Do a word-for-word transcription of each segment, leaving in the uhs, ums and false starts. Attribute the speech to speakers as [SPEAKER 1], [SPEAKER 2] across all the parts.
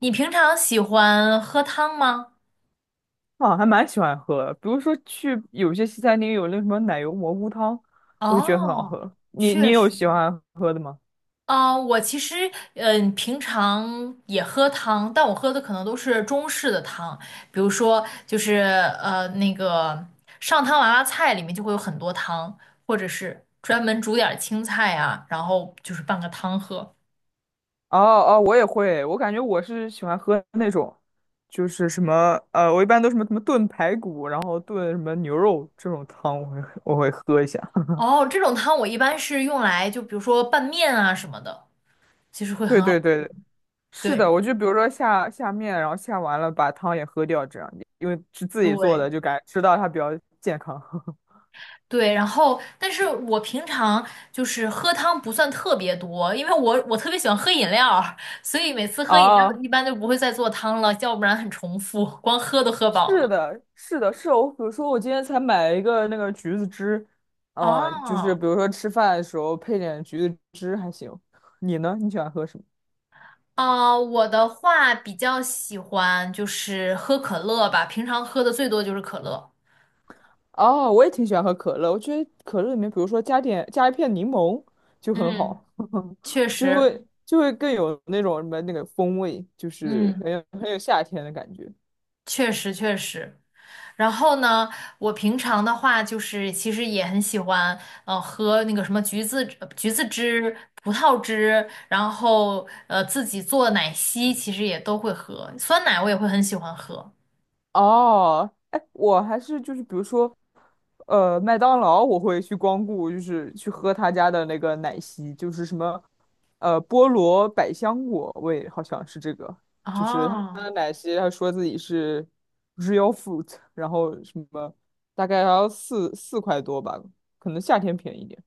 [SPEAKER 1] 你平常喜欢喝汤吗？
[SPEAKER 2] 啊，还蛮喜欢喝的。比如说去有些西餐厅有那什么奶油蘑菇汤，我就觉得很好
[SPEAKER 1] 哦，
[SPEAKER 2] 喝。你你
[SPEAKER 1] 确
[SPEAKER 2] 有
[SPEAKER 1] 实。
[SPEAKER 2] 喜欢喝的吗？
[SPEAKER 1] 啊、我其实嗯、呃平常也喝汤，但我喝的可能都是中式的汤，比如说就是呃那个上汤娃娃菜里面就会有很多汤，或者是专门煮点儿青菜啊，然后就是拌个汤喝。
[SPEAKER 2] 哦哦，我也会。我感觉我是喜欢喝那种，就是什么呃，我一般都什么什么炖排骨，然后炖什么牛肉这种汤，我会我会喝一下。
[SPEAKER 1] 哦，这种汤我一般是用来就比如说拌面啊什么的，其实会很
[SPEAKER 2] 对对
[SPEAKER 1] 好。
[SPEAKER 2] 对，是
[SPEAKER 1] 对
[SPEAKER 2] 的，我就比如说下下面，然后下完了把汤也喝掉，这样因为是自己做
[SPEAKER 1] 对。
[SPEAKER 2] 的，就感觉吃到它比较健康。
[SPEAKER 1] 对，然后，但是我平常就是喝汤不算特别多，因为我我特别喜欢喝饮料儿所以每次喝饮料
[SPEAKER 2] 哦，
[SPEAKER 1] 一般就不会再做汤了，要不然很重复，光喝都喝饱
[SPEAKER 2] 是
[SPEAKER 1] 了。
[SPEAKER 2] 的，是的，是我，比如说我今天才买了一个那个橘子汁，嗯、就是
[SPEAKER 1] 哦，
[SPEAKER 2] 比如说吃饭的时候配点橘子汁还行。你呢？你喜欢喝什么？
[SPEAKER 1] 啊，我的话比较喜欢就是喝可乐吧，平常喝的最多就是可乐。
[SPEAKER 2] 哦，我也挺喜欢喝可乐，我觉得可乐里面，比如说加点加一片柠檬就很
[SPEAKER 1] 嗯，
[SPEAKER 2] 好，
[SPEAKER 1] 确
[SPEAKER 2] 就
[SPEAKER 1] 实，
[SPEAKER 2] 会就会更有那种什么那个风味，就是
[SPEAKER 1] 嗯，
[SPEAKER 2] 很有很有夏天的感觉。
[SPEAKER 1] 确实确实。然后呢，我平常的话就是其实也很喜欢，呃，喝那个什么橘子呃橘子汁、葡萄汁，然后呃自己做奶昔，其实也都会喝。酸奶我也会很喜欢喝。
[SPEAKER 2] 哦，哎，我还是就是比如说，呃，麦当劳我会去光顾，就是去喝他家的那个奶昔，就是什么，呃，菠萝百香果味，好像是这个，就是他
[SPEAKER 1] 哦
[SPEAKER 2] 的奶昔，他说自己是 real fruit，然后什么大概要四四块多吧，可能夏天便宜一点。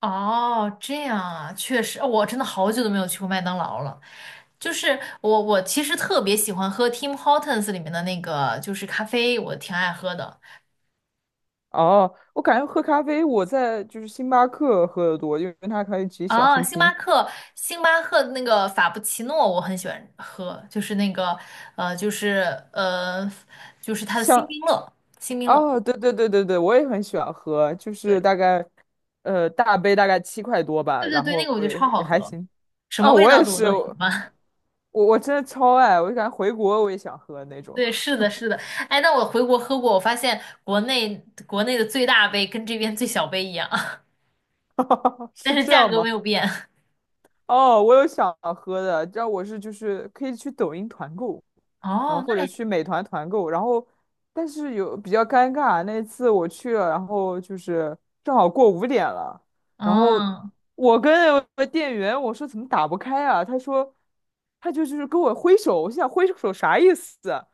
[SPEAKER 1] 哦，这样啊，确实，哦我真的好久都没有去过麦当劳了。就是我我其实特别喜欢喝 Tim Hortons 里面的那个就是咖啡，我挺爱喝的。
[SPEAKER 2] 哦，我感觉喝咖啡我在就是星巴克喝的多，因为它可以挤小
[SPEAKER 1] 哦，
[SPEAKER 2] 星
[SPEAKER 1] 星巴
[SPEAKER 2] 星。
[SPEAKER 1] 克，星巴克的那个法布奇诺我很喜欢喝，就是那个呃，就是呃，就是它的星
[SPEAKER 2] 像
[SPEAKER 1] 冰乐，星冰乐，
[SPEAKER 2] 哦，对对对对对，我也很喜欢喝，就是
[SPEAKER 1] 对
[SPEAKER 2] 大概，呃，大杯大概七块多吧，
[SPEAKER 1] 对对
[SPEAKER 2] 然
[SPEAKER 1] 对，那
[SPEAKER 2] 后
[SPEAKER 1] 个我觉得
[SPEAKER 2] 也
[SPEAKER 1] 超好
[SPEAKER 2] 也还
[SPEAKER 1] 喝，
[SPEAKER 2] 行。
[SPEAKER 1] 什
[SPEAKER 2] 啊，
[SPEAKER 1] 么味
[SPEAKER 2] 我
[SPEAKER 1] 道
[SPEAKER 2] 也
[SPEAKER 1] 的我
[SPEAKER 2] 是，
[SPEAKER 1] 都喜
[SPEAKER 2] 我
[SPEAKER 1] 欢。
[SPEAKER 2] 我真的超爱，我就感觉回国我也想喝那种。
[SPEAKER 1] 对，是的，是的，哎，那我回国喝过，我发现国内国内的最大杯跟这边最小杯一样，但
[SPEAKER 2] 是
[SPEAKER 1] 是
[SPEAKER 2] 这
[SPEAKER 1] 价
[SPEAKER 2] 样
[SPEAKER 1] 格没
[SPEAKER 2] 吗？
[SPEAKER 1] 有变。
[SPEAKER 2] 哦，我有想喝的，这样我是就是可以去抖音团购，然后
[SPEAKER 1] 哦，
[SPEAKER 2] 或
[SPEAKER 1] 那
[SPEAKER 2] 者
[SPEAKER 1] 还，
[SPEAKER 2] 去美团团购，然后但是有比较尴尬，那次我去了，然后就是正好过五点了，然后
[SPEAKER 1] 嗯
[SPEAKER 2] 我跟我的店员我说怎么打不开啊？他说他就就是跟我挥手，我心想挥手啥意思啊，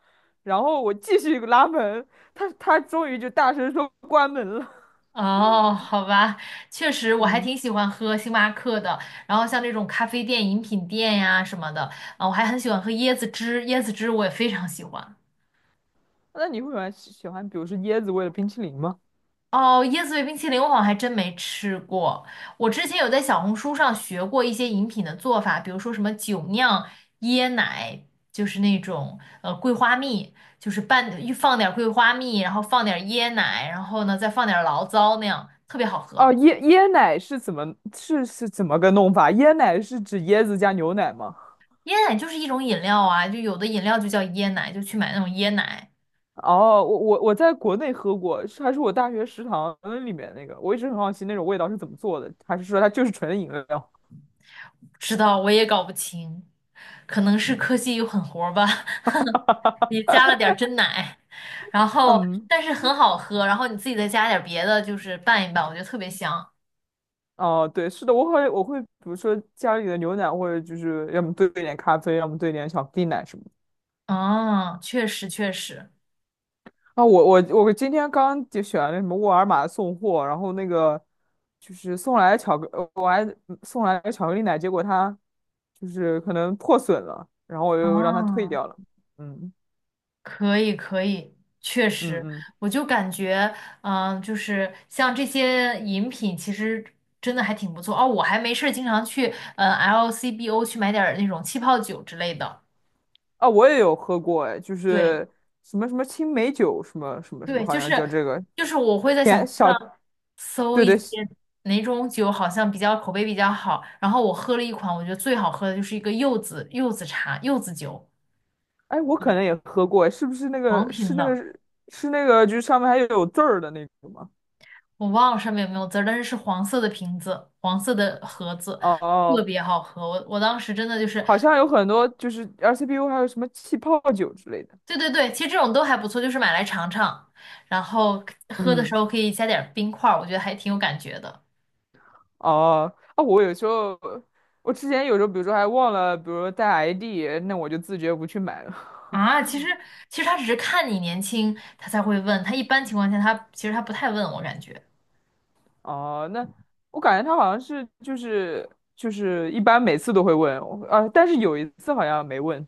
[SPEAKER 2] 然后我继续拉门，他他终于就大声说关门了。
[SPEAKER 1] 哦，好吧，确实我还
[SPEAKER 2] 嗯，
[SPEAKER 1] 挺喜欢喝星巴克的，然后像这种咖啡店、饮品店呀什么的，啊，我还很喜欢喝椰子汁，椰子汁我也非常喜欢。
[SPEAKER 2] 那你会喜欢喜欢比如说椰子味的冰淇淋吗？
[SPEAKER 1] 哦，椰子味冰淇淋我好像还真没吃过，我之前有在小红书上学过一些饮品的做法，比如说什么酒酿椰奶，就是那种呃桂花蜜，就是拌放点儿桂花蜜，然后放点儿椰奶，然后呢再放点儿醪糟那样，特别好
[SPEAKER 2] 哦，
[SPEAKER 1] 喝。
[SPEAKER 2] 椰椰奶是怎么是是怎么个弄法？椰奶是指椰子加牛奶吗？
[SPEAKER 1] 椰奶就是一种饮料啊，就有的饮料就叫椰奶，就去买那种椰奶。
[SPEAKER 2] 哦，我我我在国内喝过，是还是我大学食堂里面那个，我一直很好奇那种味道是怎么做的，还是说它就是纯的饮料？
[SPEAKER 1] 不知道，我也搞不清，可能是科技又狠活儿吧，你 加了点儿真奶，然后
[SPEAKER 2] 嗯，
[SPEAKER 1] 但是很好喝，然后你自己再加点儿别的，就是拌一拌，我觉得特别香。
[SPEAKER 2] 哦，对，是的，我会我会比如说家里的牛奶，或者就是要么兑一点咖啡，要么兑一点巧克力奶什么的。
[SPEAKER 1] 哦，确实确实，
[SPEAKER 2] 啊，我我我今天刚就选了什么沃尔玛送货，然后那个就是送来巧克，呃我还嗯送来巧克力奶，结果它就是可能破损了，然后我又让它退
[SPEAKER 1] 哦。
[SPEAKER 2] 掉了。嗯
[SPEAKER 1] 可以，可以，确
[SPEAKER 2] 嗯
[SPEAKER 1] 实，
[SPEAKER 2] 嗯，
[SPEAKER 1] 我就感觉，嗯、就是像这些饮品，其实真的还挺不错哦。我还没事儿经常去，嗯、L C B O 去买点儿那种气泡酒之类的。
[SPEAKER 2] 啊，我也有喝过，哎，就
[SPEAKER 1] 对，
[SPEAKER 2] 是什么什么青梅酒，什么什么什么，
[SPEAKER 1] 对，
[SPEAKER 2] 好
[SPEAKER 1] 就
[SPEAKER 2] 像叫
[SPEAKER 1] 是
[SPEAKER 2] 这个
[SPEAKER 1] 就是我会在小红
[SPEAKER 2] 甜
[SPEAKER 1] 书
[SPEAKER 2] 小，
[SPEAKER 1] 上搜
[SPEAKER 2] 对
[SPEAKER 1] 一
[SPEAKER 2] 对，
[SPEAKER 1] 些哪种酒好像比较口碑比较好，然后我喝了一款，我觉得最好喝的就是一个柚子柚子茶柚子酒，
[SPEAKER 2] 哎，我可能也喝过，哎是不是那
[SPEAKER 1] 黄
[SPEAKER 2] 个是
[SPEAKER 1] 瓶
[SPEAKER 2] 那个
[SPEAKER 1] 的。
[SPEAKER 2] 是那个就是上面还有字儿的那个吗？
[SPEAKER 1] 我忘了上面有没有字儿，但是是黄色的瓶子，黄色的盒子，
[SPEAKER 2] 哦哦
[SPEAKER 1] 特
[SPEAKER 2] 哦，
[SPEAKER 1] 别好喝。我我当时真的就是，
[SPEAKER 2] 好像有很多就是 r c p u 还有什么气泡酒之类的。
[SPEAKER 1] 对对对，其实这种都还不错，就是买来尝尝，然后喝的时
[SPEAKER 2] 嗯，
[SPEAKER 1] 候可以加点儿冰块儿，我觉得还挺有感觉的。
[SPEAKER 2] 哦，啊，我有时候，我之前有时候，比如说还忘了，比如说带 I D，那我就自觉不去买了。
[SPEAKER 1] 啊，其实其实他只是看你年轻，他才会问，他一般情况下他其实他不太问我感觉。
[SPEAKER 2] 哦，那我感觉他好像是就是就是一般每次都会问，我啊，但是有一次好像没问，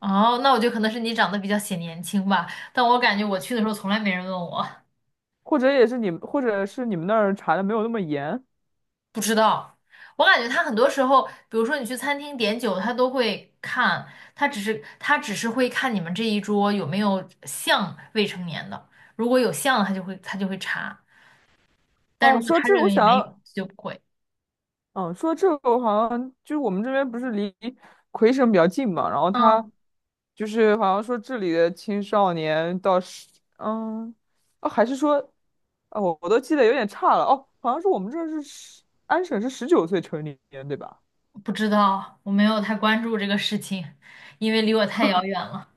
[SPEAKER 1] 哦，那我觉得可能是你长得比较显年轻吧，但我感觉我去的时候从来没人问我。
[SPEAKER 2] 或者也是你们，或者是你们那儿查的没有那么严。
[SPEAKER 1] 不知道，我感觉他很多时候，比如说你去餐厅点酒，他都会看，他只是他只是会看你们这一桌有没有像未成年的，如果有像的，他就会他就会查，但如
[SPEAKER 2] 哦，
[SPEAKER 1] 果
[SPEAKER 2] 说
[SPEAKER 1] 他
[SPEAKER 2] 这个，
[SPEAKER 1] 认
[SPEAKER 2] 我
[SPEAKER 1] 为
[SPEAKER 2] 想
[SPEAKER 1] 没有，
[SPEAKER 2] 要。
[SPEAKER 1] 就不会。
[SPEAKER 2] 嗯，说到这个好像就是我们这边不是离魁省比较近嘛，然后他
[SPEAKER 1] 嗯，
[SPEAKER 2] 就是好像说这里的青少年到十，嗯，哦还是说，哦，我我都记得有点差了，哦，好像是我们这儿是十，安省是十九岁成年，对吧？
[SPEAKER 1] 不知道，我没有太关注这个事情，因为离我太遥远了。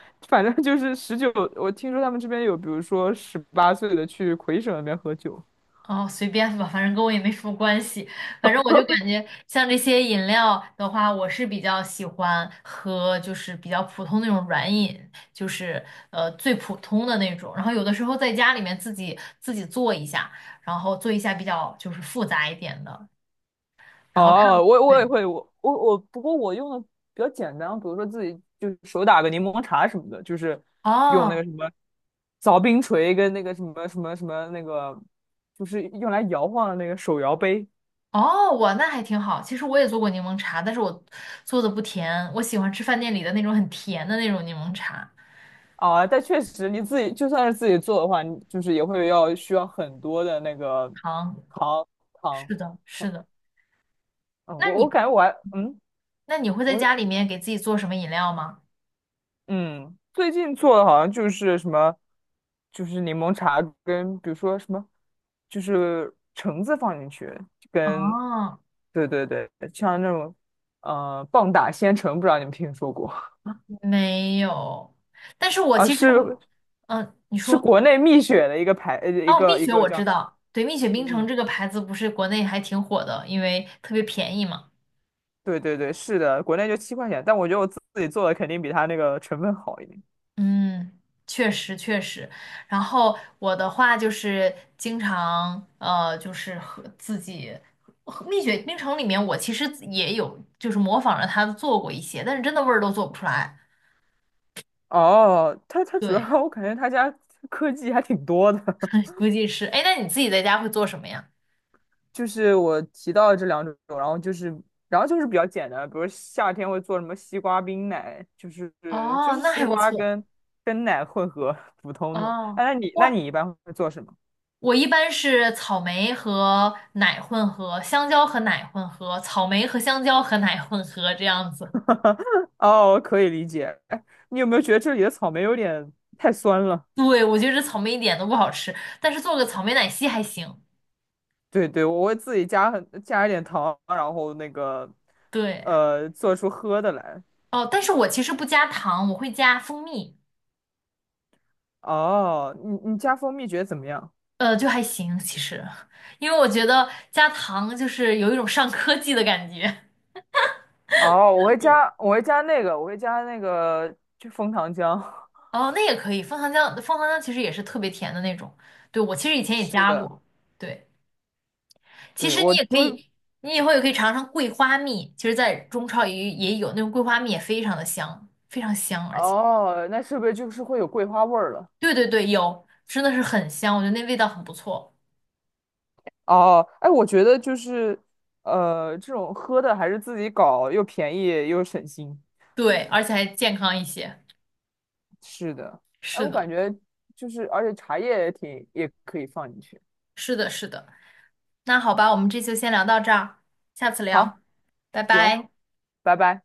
[SPEAKER 2] 反正就是十九，我听说他们这边有，比如说十八岁的去魁省那边喝酒。
[SPEAKER 1] 哦，随便吧，反正跟我也没什么关系。反正我就感觉像这些饮料的话，我是比较喜欢喝，就是比较普通那种软饮，就是呃最普通的那种。然后有的时候在家里面自己自己做一下，然后做一下比较就是复杂一点的，然后看，
[SPEAKER 2] 哦，我我也
[SPEAKER 1] 对，
[SPEAKER 2] 会，我我我，不过我用的比较简单，比如说自己就是手打个柠檬茶什么的，就是用那个
[SPEAKER 1] 哦
[SPEAKER 2] 什么凿冰锤跟那个什么什么什么那个，就是用来摇晃的那个手摇杯
[SPEAKER 1] 哦，我那还挺好。其实我也做过柠檬茶，但是我做的不甜，我喜欢吃饭店里的那种很甜的那种柠檬茶，
[SPEAKER 2] 啊。但确实你自己就算是自己做的话，你就是也会要需要很多的那个
[SPEAKER 1] 糖。
[SPEAKER 2] 糖糖。
[SPEAKER 1] 是的，是的。
[SPEAKER 2] 嗯，
[SPEAKER 1] 那
[SPEAKER 2] 我我
[SPEAKER 1] 你？
[SPEAKER 2] 感觉我还嗯，
[SPEAKER 1] 那你会在
[SPEAKER 2] 我
[SPEAKER 1] 家里面给自己做什么饮料吗？
[SPEAKER 2] 嗯，最近做的好像就是什么，就是柠檬茶跟比如说什么，就是橙子放进去，跟，
[SPEAKER 1] 啊，
[SPEAKER 2] 对对对，像那种，呃，棒打鲜橙，不知道你们听说过
[SPEAKER 1] 没有。但是我
[SPEAKER 2] 啊？
[SPEAKER 1] 其实很，
[SPEAKER 2] 是，
[SPEAKER 1] 嗯，你
[SPEAKER 2] 是
[SPEAKER 1] 说，
[SPEAKER 2] 国内蜜雪的一个牌，呃一
[SPEAKER 1] 哦，蜜
[SPEAKER 2] 个一
[SPEAKER 1] 雪
[SPEAKER 2] 个
[SPEAKER 1] 我
[SPEAKER 2] 叫，
[SPEAKER 1] 知道，对，蜜雪冰
[SPEAKER 2] 嗯
[SPEAKER 1] 城
[SPEAKER 2] 嗯，
[SPEAKER 1] 这个牌子不是国内还挺火的，因为特别便宜嘛。
[SPEAKER 2] 对对对，是的，国内就七块钱，但我觉得我自自己做的肯定比它那个成分好一点。
[SPEAKER 1] 嗯，确实确实。然后我的话就是经常呃，就是和自己和蜜雪冰城里面，我其实也有就是模仿着它做过一些，但是真的味儿都做不出来。
[SPEAKER 2] 哦，它它主要
[SPEAKER 1] 对，
[SPEAKER 2] 我感觉它家科技还挺多的。
[SPEAKER 1] 估计是。哎，那你自己在家会做什么呀？
[SPEAKER 2] 就是我提到的这两种，然后就是，然后就是比较简单，比如夏天会做什么西瓜冰奶，就是就
[SPEAKER 1] 哦，
[SPEAKER 2] 是
[SPEAKER 1] 那
[SPEAKER 2] 西
[SPEAKER 1] 还不
[SPEAKER 2] 瓜
[SPEAKER 1] 错。
[SPEAKER 2] 跟跟奶混合，普通的。
[SPEAKER 1] 哦，
[SPEAKER 2] 哎，那你那
[SPEAKER 1] 哇，
[SPEAKER 2] 你一般会做什么？
[SPEAKER 1] 我一般是草莓和奶混合，香蕉和奶混合，草莓和香蕉和奶混合这样子。
[SPEAKER 2] 哦，可以理解。哎，你有没有觉得这里的草莓有点太酸了？
[SPEAKER 1] 对，我觉得草莓一点都不好吃，但是做个草莓奶昔还行。
[SPEAKER 2] 对对，我会自己加很加一点糖，然后那个
[SPEAKER 1] 对，
[SPEAKER 2] 呃做出喝的来。
[SPEAKER 1] 哦，但是我其实不加糖，我会加蜂蜜，
[SPEAKER 2] 哦，你你加蜂蜜觉得怎么样？
[SPEAKER 1] 呃，就还行其实，因为我觉得加糖就是有一种上科技的感觉。
[SPEAKER 2] 哦，我会加，我会加那个，我会加那个，就枫糖浆。
[SPEAKER 1] 哦，那也可以，枫糖浆，枫糖浆其实也是特别甜的那种。对，我其实以前也
[SPEAKER 2] 是
[SPEAKER 1] 加
[SPEAKER 2] 的，
[SPEAKER 1] 过。对。其
[SPEAKER 2] 对，
[SPEAKER 1] 实你
[SPEAKER 2] 我
[SPEAKER 1] 也可
[SPEAKER 2] 就是，
[SPEAKER 1] 以，你以后也可以尝尝桂花蜜。其实，在中超也也有那种桂花蜜，也非常的香，非常香，而且，
[SPEAKER 2] 哦，那是不是就是会有桂花味儿了？
[SPEAKER 1] 对对对，有，真的是很香，我觉得那味道很不错。
[SPEAKER 2] 哦，哎，我觉得就是，呃，这种喝的还是自己搞，又便宜又省心。
[SPEAKER 1] 对，而且还健康一些。
[SPEAKER 2] 是的，哎，
[SPEAKER 1] 是
[SPEAKER 2] 我
[SPEAKER 1] 的，
[SPEAKER 2] 感觉就是，而且茶叶也挺，也可以放进去。
[SPEAKER 1] 是的，是的。那好吧，我们这次就先聊到这儿，下次聊，
[SPEAKER 2] 好，
[SPEAKER 1] 拜
[SPEAKER 2] 行，
[SPEAKER 1] 拜。
[SPEAKER 2] 拜拜。